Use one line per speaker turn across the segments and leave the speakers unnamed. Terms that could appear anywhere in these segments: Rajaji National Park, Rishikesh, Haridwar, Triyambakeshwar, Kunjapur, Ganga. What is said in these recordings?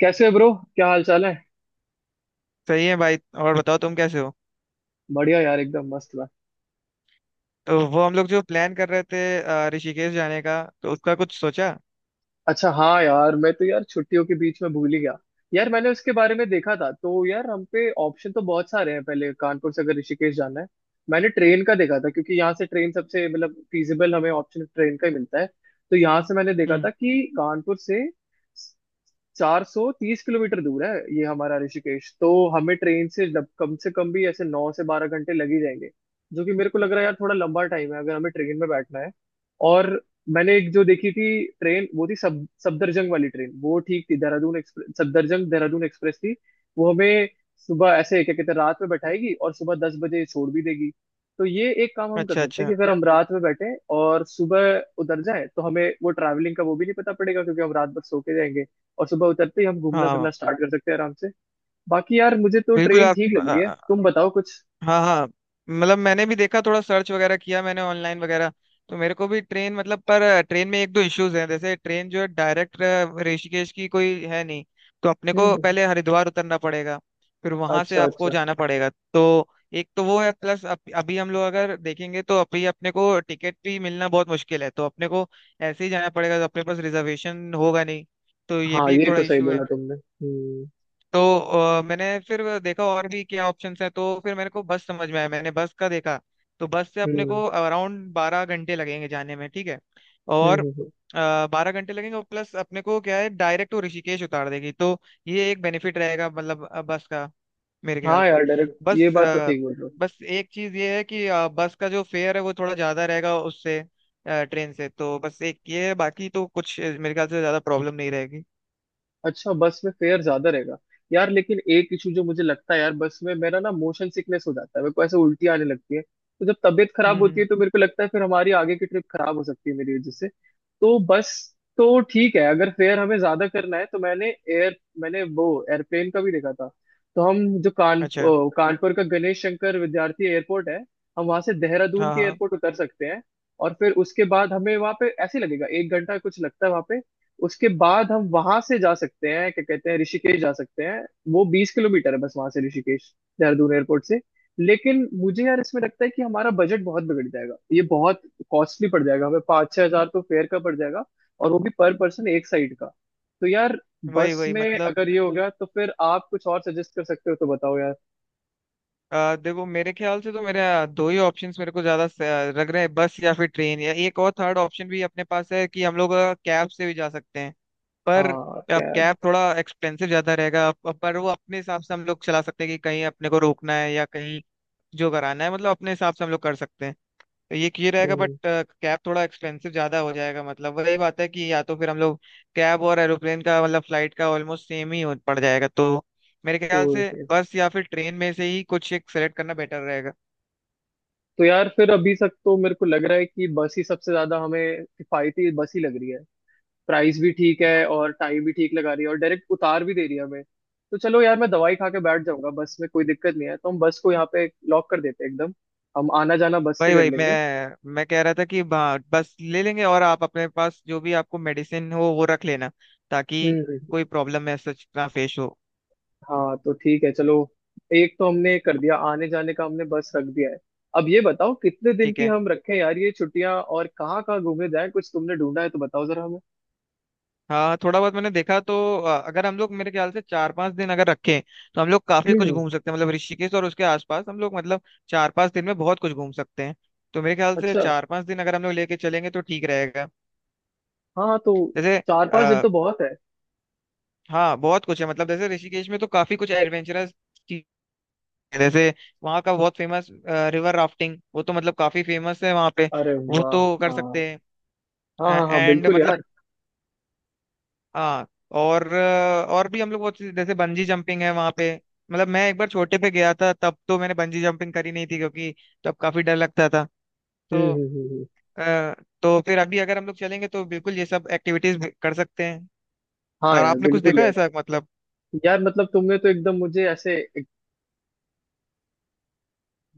कैसे हो ब्रो, क्या हाल चाल है।
सही है भाई। और बताओ तुम कैसे हो।
बढ़िया यार, एकदम मस्त मैं।
तो वो हम लोग जो प्लान कर रहे थे ऋषिकेश जाने का, तो उसका कुछ सोचा।
अच्छा, हाँ यार, मैं तो यार छुट्टियों के बीच में भूल ही गया। यार मैंने उसके बारे में देखा था तो यार हम पे ऑप्शन तो बहुत सारे हैं। पहले कानपुर से अगर ऋषिकेश जाना है, मैंने ट्रेन का देखा था क्योंकि यहाँ से ट्रेन सबसे मतलब फीजिबल हमें ऑप्शन ट्रेन का ही मिलता है। तो यहाँ से मैंने देखा
हम्म।
था कि कानपुर से 430 किलोमीटर दूर है ये हमारा ऋषिकेश। तो हमें ट्रेन से जब कम से कम भी ऐसे 9 से 12 घंटे लग ही जाएंगे, जो कि मेरे को लग रहा है यार थोड़ा लंबा टाइम है अगर हमें ट्रेन में बैठना है। और मैंने एक जो देखी थी ट्रेन, वो थी सब सफदरजंग वाली ट्रेन, वो ठीक थी। देहरादून एक्सप्रेस, सफदरजंग देहरादून एक्सप्रेस थी। वो हमें सुबह ऐसे क्या कहते हैं, रात में बैठाएगी और सुबह 10 बजे छोड़ भी देगी। तो ये एक काम हम कर
अच्छा
सकते हैं कि
अच्छा।
अगर हम रात में बैठे और सुबह उतर जाएं तो हमें वो ट्रैवलिंग का वो भी नहीं पता पड़ेगा, क्योंकि हम रात भर सो के जाएंगे। और सुबह उतरते ही हम घूमना
हाँ
फिरना स्टार्ट कर सकते हैं आराम से। बाकी यार मुझे तो
बिल्कुल
ट्रेन ठीक लग रही है,
आप।
तुम बताओ कुछ।
हाँ हाँ। मतलब मैंने भी देखा, थोड़ा सर्च वगैरह किया मैंने ऑनलाइन वगैरह। तो मेरे को भी ट्रेन मतलब, पर ट्रेन में एक दो इश्यूज हैं, जैसे ट्रेन जो है डायरेक्ट ऋषिकेश की कोई है नहीं। तो अपने को
हम्म।
पहले हरिद्वार उतरना पड़ेगा, फिर वहां से
अच्छा
आपको
अच्छा।
जाना पड़ेगा। तो एक तो वो है, प्लस अभी हम लोग अगर देखेंगे तो अभी अपने को टिकट भी मिलना बहुत मुश्किल है, तो अपने को ऐसे ही जाना पड़ेगा, तो अपने पास रिजर्वेशन होगा नहीं, तो ये
हाँ,
भी एक
ये
थोड़ा
तो सही
इशू है।
बोला तुमने।
तो मैंने फिर देखा और भी क्या ऑप्शंस हैं, तो फिर मेरे को बस समझ में आया, मैंने बस का देखा। तो बस से अपने
हम्म
को अराउंड बारह घंटे लगेंगे जाने में, ठीक है। और
हम्म। हम्म।
बारह घंटे लगेंगे और प्लस अपने को क्या है, डायरेक्ट वो ऋषिकेश उतार देगी, तो ये एक बेनिफिट रहेगा मतलब बस का, मेरे ख्याल
हाँ
से।
यार, डायरेक्ट ये
बस
बात तो ठीक बोल रहे हो।
बस एक चीज ये है कि बस का जो फेयर है वो थोड़ा ज्यादा रहेगा उससे ट्रेन से। तो बस एक ये है, बाकी तो कुछ मेरे ख्याल से ज्यादा प्रॉब्लम नहीं रहेगी।
अच्छा, बस में फेयर ज्यादा रहेगा। यार लेकिन एक इशू जो मुझे लगता है यार, बस में मेरा ना मोशन सिकनेस हो जाता है, मेरे को ऐसे उल्टी आने लगती है। तो जब तबीयत खराब होती है
हम्म।
तो मेरे को लगता है फिर हमारी आगे की ट्रिप खराब हो सकती है मेरी वजह से। तो बस, तो ठीक है अगर फेयर हमें ज्यादा करना है तो मैंने वो एयरप्लेन का भी देखा था। तो हम जो
अच्छा।
कानपुर का गणेश शंकर विद्यार्थी एयरपोर्ट है, हम वहां से देहरादून
हाँ
के
हाँ।
एयरपोर्ट उतर सकते हैं। और फिर उसके बाद हमें वहां पे ऐसे ही लगेगा, एक घंटा कुछ लगता है वहां पे। उसके बाद हम वहां से जा सकते हैं, क्या कहते हैं, ऋषिकेश जा सकते हैं। वो 20 किलोमीटर है बस वहां से ऋषिकेश, देहरादून एयरपोर्ट से। लेकिन मुझे यार इसमें लगता है कि हमारा बजट बहुत बिगड़ जाएगा, ये बहुत कॉस्टली पड़ जाएगा। हमें 5-6 हज़ार तो फेयर का पड़ जाएगा, और वो भी पर पर्सन एक साइड का। तो यार
वही
बस
वही
में
मतलब।
अगर ये हो गया तो फिर आप कुछ और सजेस्ट कर सकते हो, तो बताओ यार।
देखो मेरे ख्याल से तो मेरे दो ही ऑप्शंस मेरे को ज्यादा लग रहे हैं, बस या फिर ट्रेन, या एक और थर्ड ऑप्शन भी अपने पास है कि हम लोग कैब से भी जा सकते हैं। पर
हाँ,
अब
कैब।
कैब थोड़ा एक्सपेंसिव ज्यादा रहेगा, पर वो अपने हिसाब से हम लोग चला सकते हैं कि कहीं अपने को रोकना है या कहीं जो कराना है, मतलब अपने हिसाब से हम लोग कर सकते हैं। ये रहेगा, बट
हम्म।
कैब थोड़ा एक्सपेंसिव ज्यादा हो जाएगा, मतलब वही बात है कि या तो फिर हम लोग कैब और एरोप्लेन का मतलब फ्लाइट का ऑलमोस्ट सेम ही पड़ जाएगा। तो मेरे ख्याल से
ओके।
बस या फिर ट्रेन में से ही कुछ एक सेलेक्ट करना बेटर रहेगा।
तो यार फिर अभी तक तो मेरे को लग रहा है कि बस ही सबसे ज्यादा हमें किफायती, बस ही लग रही है। प्राइस भी ठीक है और टाइम भी ठीक लगा रही है और डायरेक्ट उतार भी दे रही है हमें। तो चलो यार, मैं दवाई खा के बैठ जाऊंगा बस में, कोई दिक्कत नहीं है, तो हम बस को यहाँ पे लॉक कर देते हैं एकदम। हम आना जाना बस से
भाई
कर
भाई,
लेंगे।
मैं कह रहा था कि हाँ, बस ले लेंगे, और आप अपने पास जो भी आपको मेडिसिन हो वो रख लेना ताकि
हम्म।
कोई प्रॉब्लम ऐसा ना फेस हो।
हाँ तो ठीक है, चलो। एक तो हमने कर दिया आने जाने का, हमने बस रख दिया है। अब ये बताओ कितने दिन
ठीक
की
है।
हम रखें यार ये छुट्टियां, और कहाँ कहाँ घूमने जाए, कुछ तुमने ढूंढा है तो बताओ जरा हमें।
हाँ थोड़ा बहुत मैंने देखा तो अगर हम लोग, मेरे ख्याल से चार पांच दिन अगर रखें तो हम लोग काफी कुछ
हम्म।
घूम सकते हैं, मतलब ऋषिकेश और उसके आसपास हम लोग मतलब चार पांच दिन में बहुत कुछ घूम सकते हैं। तो मेरे ख्याल से
अच्छा।
चार पांच दिन अगर हम लोग लेके चलेंगे तो ठीक रहेगा।
हाँ तो
जैसे,
4-5 दिन
आ,
तो बहुत है।
हाँ बहुत कुछ है, मतलब जैसे ऋषिकेश में तो काफी कुछ एडवेंचरस चीज, जैसे वहाँ का बहुत फेमस रिवर राफ्टिंग, वो तो मतलब काफी फेमस है वहाँ पे,
अरे
वो
वाह।
तो कर
हाँ
सकते हैं।
हाँ हाँ। हाँ
एंड
बिल्कुल
मतलब
यार।
हाँ, और और भी हम लोग बहुत जैसे बंजी जंपिंग है वहां पे। मतलब मैं एक बार छोटे पे गया था, तब तो मैंने बंजी जंपिंग करी नहीं थी क्योंकि तब काफी डर लगता था।
हम्म
तो
हम्म हम्म हम्म।
अ, तो फिर अभी अगर हम लोग चलेंगे तो बिल्कुल ये सब एक्टिविटीज कर सकते हैं।
हाँ
और
यार
आपने कुछ
बिल्कुल
देखा है
यार।
ऐसा मतलब?
यार मतलब तुमने तो एकदम मुझे ऐसे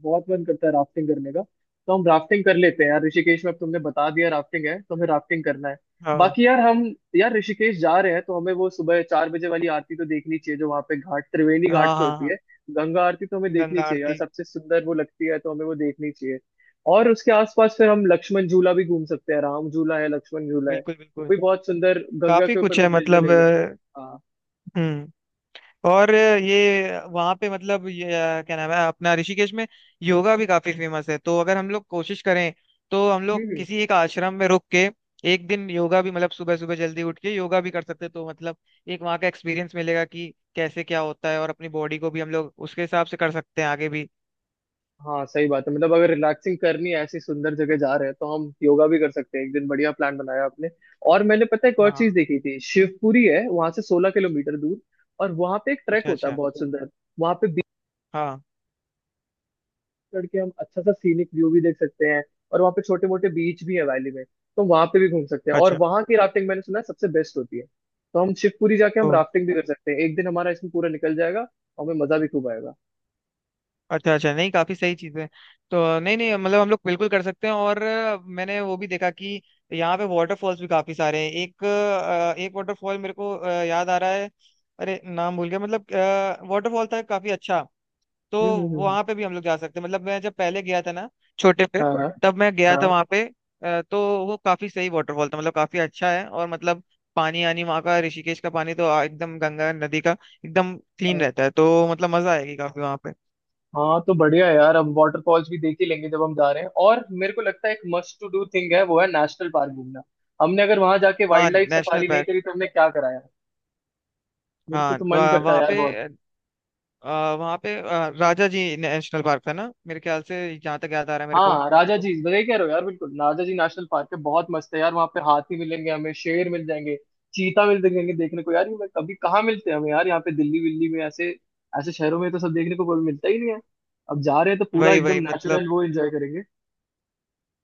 बहुत मन करता है राफ्टिंग करने का। तो हम राफ्टिंग कर लेते हैं यार, ऋषिकेश में अब तुमने बता दिया राफ्टिंग है तो हमें राफ्टिंग करना है।
हाँ
बाकी यार हम, यार ऋषिकेश जा रहे हैं तो हमें वो सुबह 4 बजे वाली आरती तो देखनी चाहिए, जो वहाँ पे घाट, त्रिवेणी
हाँ
घाट पे
हाँ
होती
हाँ।
है। गंगा आरती तो हमें देखनी
गंगा
चाहिए यार,
आरती।
सबसे सुंदर वो लगती है तो हमें वो देखनी चाहिए। और उसके आसपास फिर हम लक्ष्मण झूला भी घूम सकते हैं, राम झूला है, लक्ष्मण झूला है।
बिल्कुल
वो
बिल्कुल।
भी बहुत सुंदर, गंगा
काफी
के ऊपर
कुछ
वो
है
ब्रिज बने
मतलब
हुए हैं। हाँ।
हम्म और ये वहाँ पे, मतलब ये क्या नाम है अपना, ऋषिकेश में योगा भी काफी फेमस है, तो अगर हम लोग कोशिश करें तो हम लोग
हम्म।
किसी एक आश्रम में रुक के एक दिन योगा भी, मतलब सुबह सुबह जल्दी उठ के योगा भी कर सकते हैं। तो मतलब एक वहाँ का एक्सपीरियंस मिलेगा कि कैसे क्या होता है, और अपनी बॉडी को भी हम लोग उसके हिसाब से कर सकते हैं आगे भी।
हाँ सही बात है, मतलब अगर रिलैक्सिंग करनी है, ऐसी सुंदर जगह जा रहे हैं तो हम योगा भी कर सकते हैं एक दिन। बढ़िया प्लान बनाया आपने। और मैंने पता है एक और चीज
हाँ।
देखी थी, शिवपुरी है वहां से 16 किलोमीटर दूर। और वहां पे एक ट्रैक
अच्छा
होता है
अच्छा।
बहुत सुंदर, वहां पे बीच
हाँ।
चढ़ के हम अच्छा सा सीनिक व्यू भी देख सकते हैं। और वहां पे छोटे मोटे बीच भी है वैली में, तो वहां पे भी घूम सकते हैं। और
अच्छा
वहां की राफ्टिंग मैंने सुना है सबसे बेस्ट होती है, तो हम शिवपुरी जाके हम राफ्टिंग भी कर सकते हैं, एक दिन हमारा इसमें पूरा निकल जाएगा और हमें मजा भी खूब आएगा।
अच्छा। अच्छा नहीं, काफी सही चीज है। तो नहीं नहीं, मतलब हम लोग बिल्कुल कर सकते हैं। और मैंने वो भी देखा कि यहाँ पे वाटरफॉल्स भी काफी सारे हैं। एक वाटरफॉल मेरे को याद आ रहा है, अरे नाम भूल गया मतलब, वाटरफॉल था काफी अच्छा। तो
हम्म। हम्म।
वहां पे भी हम लोग जा सकते हैं। मतलब मैं जब पहले गया था ना छोटे पे,
हाँ हाँ
तब मैं गया था वहां पे। तो वो काफी सही वाटरफॉल था, मतलब काफी अच्छा है। और मतलब पानी आनी, वहाँ का ऋषिकेश का पानी तो एकदम गंगा नदी का एकदम क्लीन
हाँ।
रहता है, तो मतलब मजा आएगी काफी वहां पे।
हाँ तो बढ़िया है यार, हम वाटरफॉल्स भी देख ही लेंगे जब हम जा रहे हैं। और मेरे को लगता है एक मस्ट टू डू थिंग है, वो है नेशनल पार्क घूमना। हमने अगर वहां जाके
हाँ
वाइल्ड लाइफ
नेशनल
सफारी नहीं
पार्क।
करी तो हमने क्या कराया। मेरे को
हाँ
तो मन
वह-
करता है
वहाँ
यार
पे
बहुत।
आ, वहाँ पे राजा जी नेशनल पार्क था ना मेरे ख्याल से, जहाँ तक याद आ रहा है मेरे को।
हाँ राजा जी, वही कह रहे हो यार, बिल्कुल राजा जी नेशनल पार्क है, बहुत मस्त है यार। वहाँ पे हाथी मिलेंगे, हमें शेर मिल जाएंगे, चीता मिल जाएंगे देखने को यार। ये मैं कभी कहाँ मिलते हैं हमें यार, यहाँ पे दिल्ली विल्ली में ऐसे ऐसे शहरों में तो सब देखने को कोई मिलता ही नहीं है। अब जा रहे हैं तो पूरा
वही
एकदम
वही मतलब।
नेचुरल वो एंजॉय करेंगे।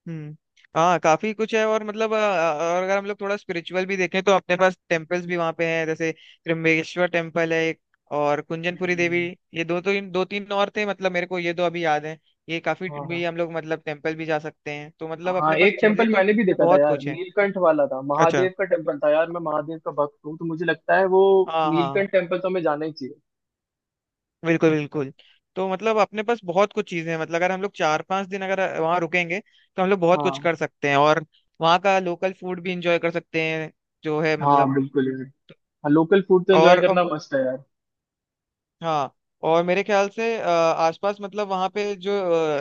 हम्म। हाँ काफी कुछ है, और मतलब और अगर हम लोग थोड़ा स्पिरिचुअल भी देखें तो अपने पास टेम्पल्स भी वहाँ पे हैं, जैसे त्र्यंबकेश्वर टेम्पल है एक, और कुंजनपुरी देवी।
हम्म।
ये दो तो, इन दो तीन और थे मतलब, मेरे को ये दो अभी याद है। ये काफी
हाँ हाँ।
भी हम लोग, मतलब टेम्पल भी जा सकते हैं, तो मतलब
हाँ
अपने पास
एक
चीजें
टेम्पल
तो
मैंने भी देखा था
बहुत
यार,
कुछ है।
नीलकंठ वाला था,
अच्छा।
महादेव का टेम्पल था यार, मैं महादेव का भक्त हूँ तो मुझे लगता है वो
हाँ हाँ।
नीलकंठ टेम्पल तो हमें जाना ही चाहिए।
बिल्कुल बिल्कुल। तो मतलब अपने पास बहुत कुछ चीजें हैं, मतलब अगर हम लोग चार पांच दिन अगर वहां रुकेंगे तो हम लोग बहुत कुछ
हाँ
कर सकते हैं, और वहाँ का लोकल फूड भी इंजॉय कर सकते हैं जो है,
हाँ
मतलब।
बिल्कुल यार। हाँ, लोकल फूड तो एंजॉय
और
करना मस्त है यार।
हाँ, और मेरे ख्याल से आसपास मतलब वहाँ पे जो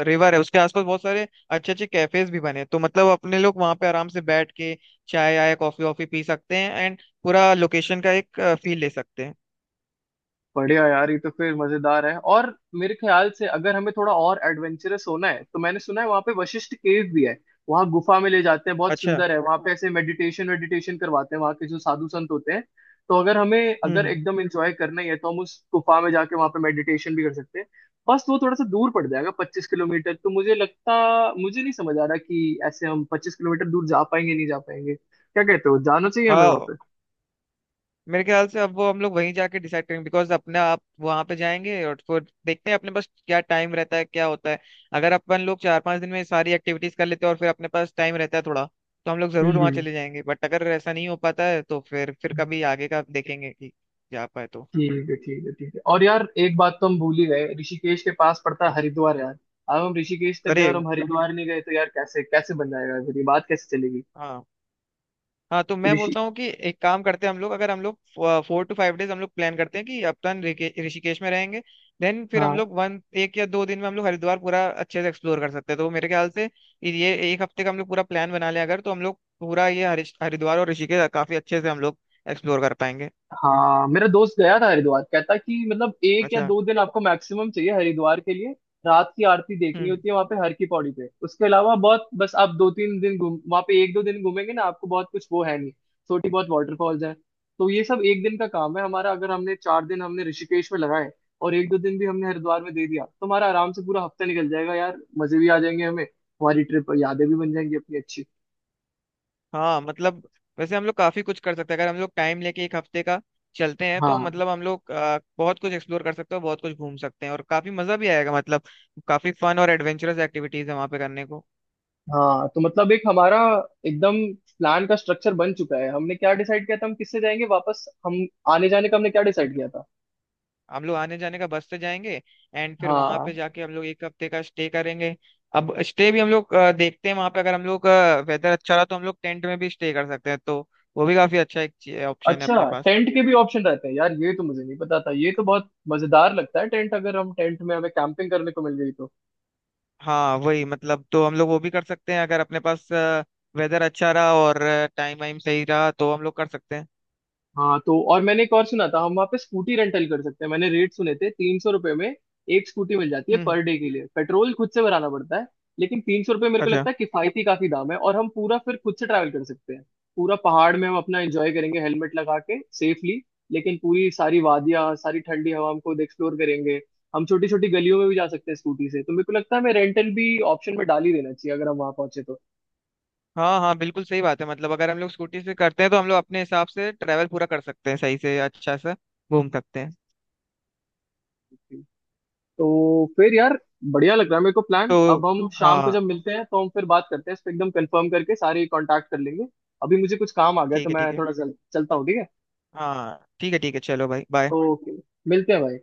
रिवर है उसके आसपास बहुत सारे अच्छे अच्छे कैफेज भी बने हैं। तो मतलब अपने लोग वहाँ पे आराम से बैठ के चाय आय कॉफी वॉफी पी सकते हैं, एंड पूरा लोकेशन का एक फील ले सकते हैं।
बढ़िया यार, ये तो फिर मजेदार है। और मेरे ख्याल से अगर हमें थोड़ा और एडवेंचरस होना है, तो मैंने सुना है वहां पे वशिष्ठ केव भी है। वहां गुफा में ले जाते हैं, बहुत
अच्छा।
सुंदर है वहां पे, ऐसे मेडिटेशन वेडिटेशन करवाते हैं वहां के जो साधु संत होते हैं। तो अगर हमें अगर
हम्म।
एकदम एंजॉय करना ही है तो हम उस गुफा में जाके वहां पे मेडिटेशन भी कर सकते हैं। बस वो थोड़ा सा दूर पड़ जाएगा 25 किलोमीटर, तो मुझे नहीं समझ आ रहा कि ऐसे हम 25 किलोमीटर दूर जा पाएंगे नहीं जा पाएंगे, क्या कहते हो, जाना चाहिए हमें वहां
हाँ
पे।
मेरे ख्याल से अब वो हम लोग वहीं जाके डिसाइड करेंगे, बिकॉज अपने आप वहां पे जाएंगे और फिर देखते हैं अपने पास क्या टाइम रहता है क्या होता है। अगर अपन लोग चार पांच दिन में सारी एक्टिविटीज कर लेते हैं और फिर अपने पास टाइम रहता है थोड़ा, तो हम लोग
हम्म
जरूर वहां
हम्म।
चले जाएंगे, बट अगर ऐसा नहीं हो पाता है तो फिर कभी आगे का देखेंगे कि जा पाए तो।
ठीक है ठीक है ठीक है। और यार एक बात तो हम भूल ही गए, ऋषिकेश के पास पड़ता है
हाँ।
हरिद्वार यार। अब हम ऋषिकेश तक गए
अरे
और हम हरिद्वार नहीं गए तो यार कैसे कैसे बन जाएगा, फिर ये बात कैसे चलेगी।
हाँ हाँ, तो मैं
ऋषि
बोलता हूँ कि एक काम करते हैं, हम लोग, अगर हम लोग फोर टू फाइव डेज हम लोग प्लान करते हैं कि अपन ऋषिकेश में रहेंगे, देन फिर हम
हाँ
लोग वन, एक या दो दिन में हम लोग हरिद्वार पूरा अच्छे से एक्सप्लोर कर सकते हैं। तो मेरे ख्याल से ये एक हफ्ते का हम लोग पूरा प्लान बना लें अगर, तो हम लोग पूरा ये हरिद्वार और ऋषिकेश काफी अच्छे से हम लोग एक्सप्लोर कर पाएंगे।
हाँ, मेरा दोस्त गया था हरिद्वार, कहता कि मतलब एक या
अच्छा।
दो दिन आपको मैक्सिमम चाहिए हरिद्वार के लिए। रात की आरती देखनी
हम्म।
होती है वहां पे हर की पौड़ी पे, उसके अलावा बहुत बस। आप 2-3 दिन घूम वहां पे, एक दो दिन घूमेंगे ना आपको बहुत कुछ वो है नहीं। छोटी बहुत वाटरफॉल्स है। तो ये सब एक दिन का काम है हमारा, अगर हमने 4 दिन हमने ऋषिकेश में लगाए और एक दो दिन भी हमने हरिद्वार में दे दिया तो हमारा आराम से पूरा हफ्ता निकल जाएगा यार। मजे भी आ जाएंगे हमें, हमारी ट्रिप यादें भी बन जाएंगी अपनी अच्छी।
हाँ मतलब, वैसे हम लोग काफी कुछ कर सकते हैं अगर हम लोग टाइम लेके एक हफ्ते का चलते हैं, तो
हाँ
मतलब हम लोग बहुत कुछ एक्सप्लोर कर सकते हैं, बहुत कुछ घूम सकते हैं, और काफी मजा भी आएगा, मतलब काफी फन और एडवेंचरस एक्टिविटीज है वहाँ पे करने को।
हाँ तो मतलब एक हमारा एकदम प्लान का स्ट्रक्चर बन चुका है। हमने क्या डिसाइड किया था, हम किससे जाएंगे वापस हम, आने जाने का हमने क्या डिसाइड
Yes.
किया था।
हम लोग आने जाने का बस से जाएंगे, एंड फिर वहाँ
हाँ।
पे जाके हम लोग एक हफ्ते का स्टे करेंगे। अब स्टे भी हम लोग देखते हैं वहाँ पे, अगर हम लोग वेदर अच्छा रहा तो हम लोग टेंट में भी स्टे कर सकते हैं, तो वो भी काफी अच्छा एक ऑप्शन है
अच्छा,
अपने पास।
टेंट के भी ऑप्शन रहते हैं यार, ये तो मुझे नहीं पता था, ये तो बहुत मजेदार लगता है टेंट, अगर हम टेंट में हमें कैंपिंग करने को मिल गई तो।
हाँ वही मतलब, तो हम लोग वो भी कर सकते हैं अगर अपने पास वेदर अच्छा रहा और टाइम वाइम सही रहा तो हम लोग कर सकते हैं।
हाँ तो और मैंने एक और सुना था, हम वहाँ पे स्कूटी रेंटल कर सकते हैं। मैंने रेट सुने थे 300 रुपये में एक स्कूटी मिल जाती है
हम्म।
पर डे के लिए, पेट्रोल खुद से भराना पड़ता है। लेकिन 300 रुपये मेरे को
अच्छा।
लगता है किफायती काफी दाम है, और हम पूरा फिर खुद से ट्रैवल कर सकते हैं। पूरा पहाड़ में हम अपना एंजॉय करेंगे हेलमेट लगा के सेफली, लेकिन पूरी सारी वादियाँ सारी ठंडी हवा हम खुद एक्सप्लोर करेंगे। हम छोटी छोटी गलियों में भी जा सकते हैं स्कूटी से, तो मेरे को लगता है हमें रेंटल भी ऑप्शन में डाल ही देना चाहिए अगर हम वहां पहुंचे।
हाँ हाँ बिल्कुल सही बात है, मतलब अगर हम लोग स्कूटी से करते हैं तो हम लोग अपने हिसाब से ट्रैवल पूरा कर सकते हैं, सही से अच्छा से घूम सकते हैं।
तो तो फिर यार बढ़िया लग रहा है मेरे को प्लान,
तो
अब हम शाम को
हाँ,
जब मिलते हैं तो हम फिर बात करते हैं इस पे, एकदम कंफर्म करके सारे कांटेक्ट कर लेंगे। अभी मुझे कुछ काम आ गया है,
ठीक
तो
है ठीक
मैं
है।
थोड़ा चलता हूँ, ठीक है।
हाँ ठीक है ठीक है, चलो भाई, बाय।
ओके। मिलते हैं भाई।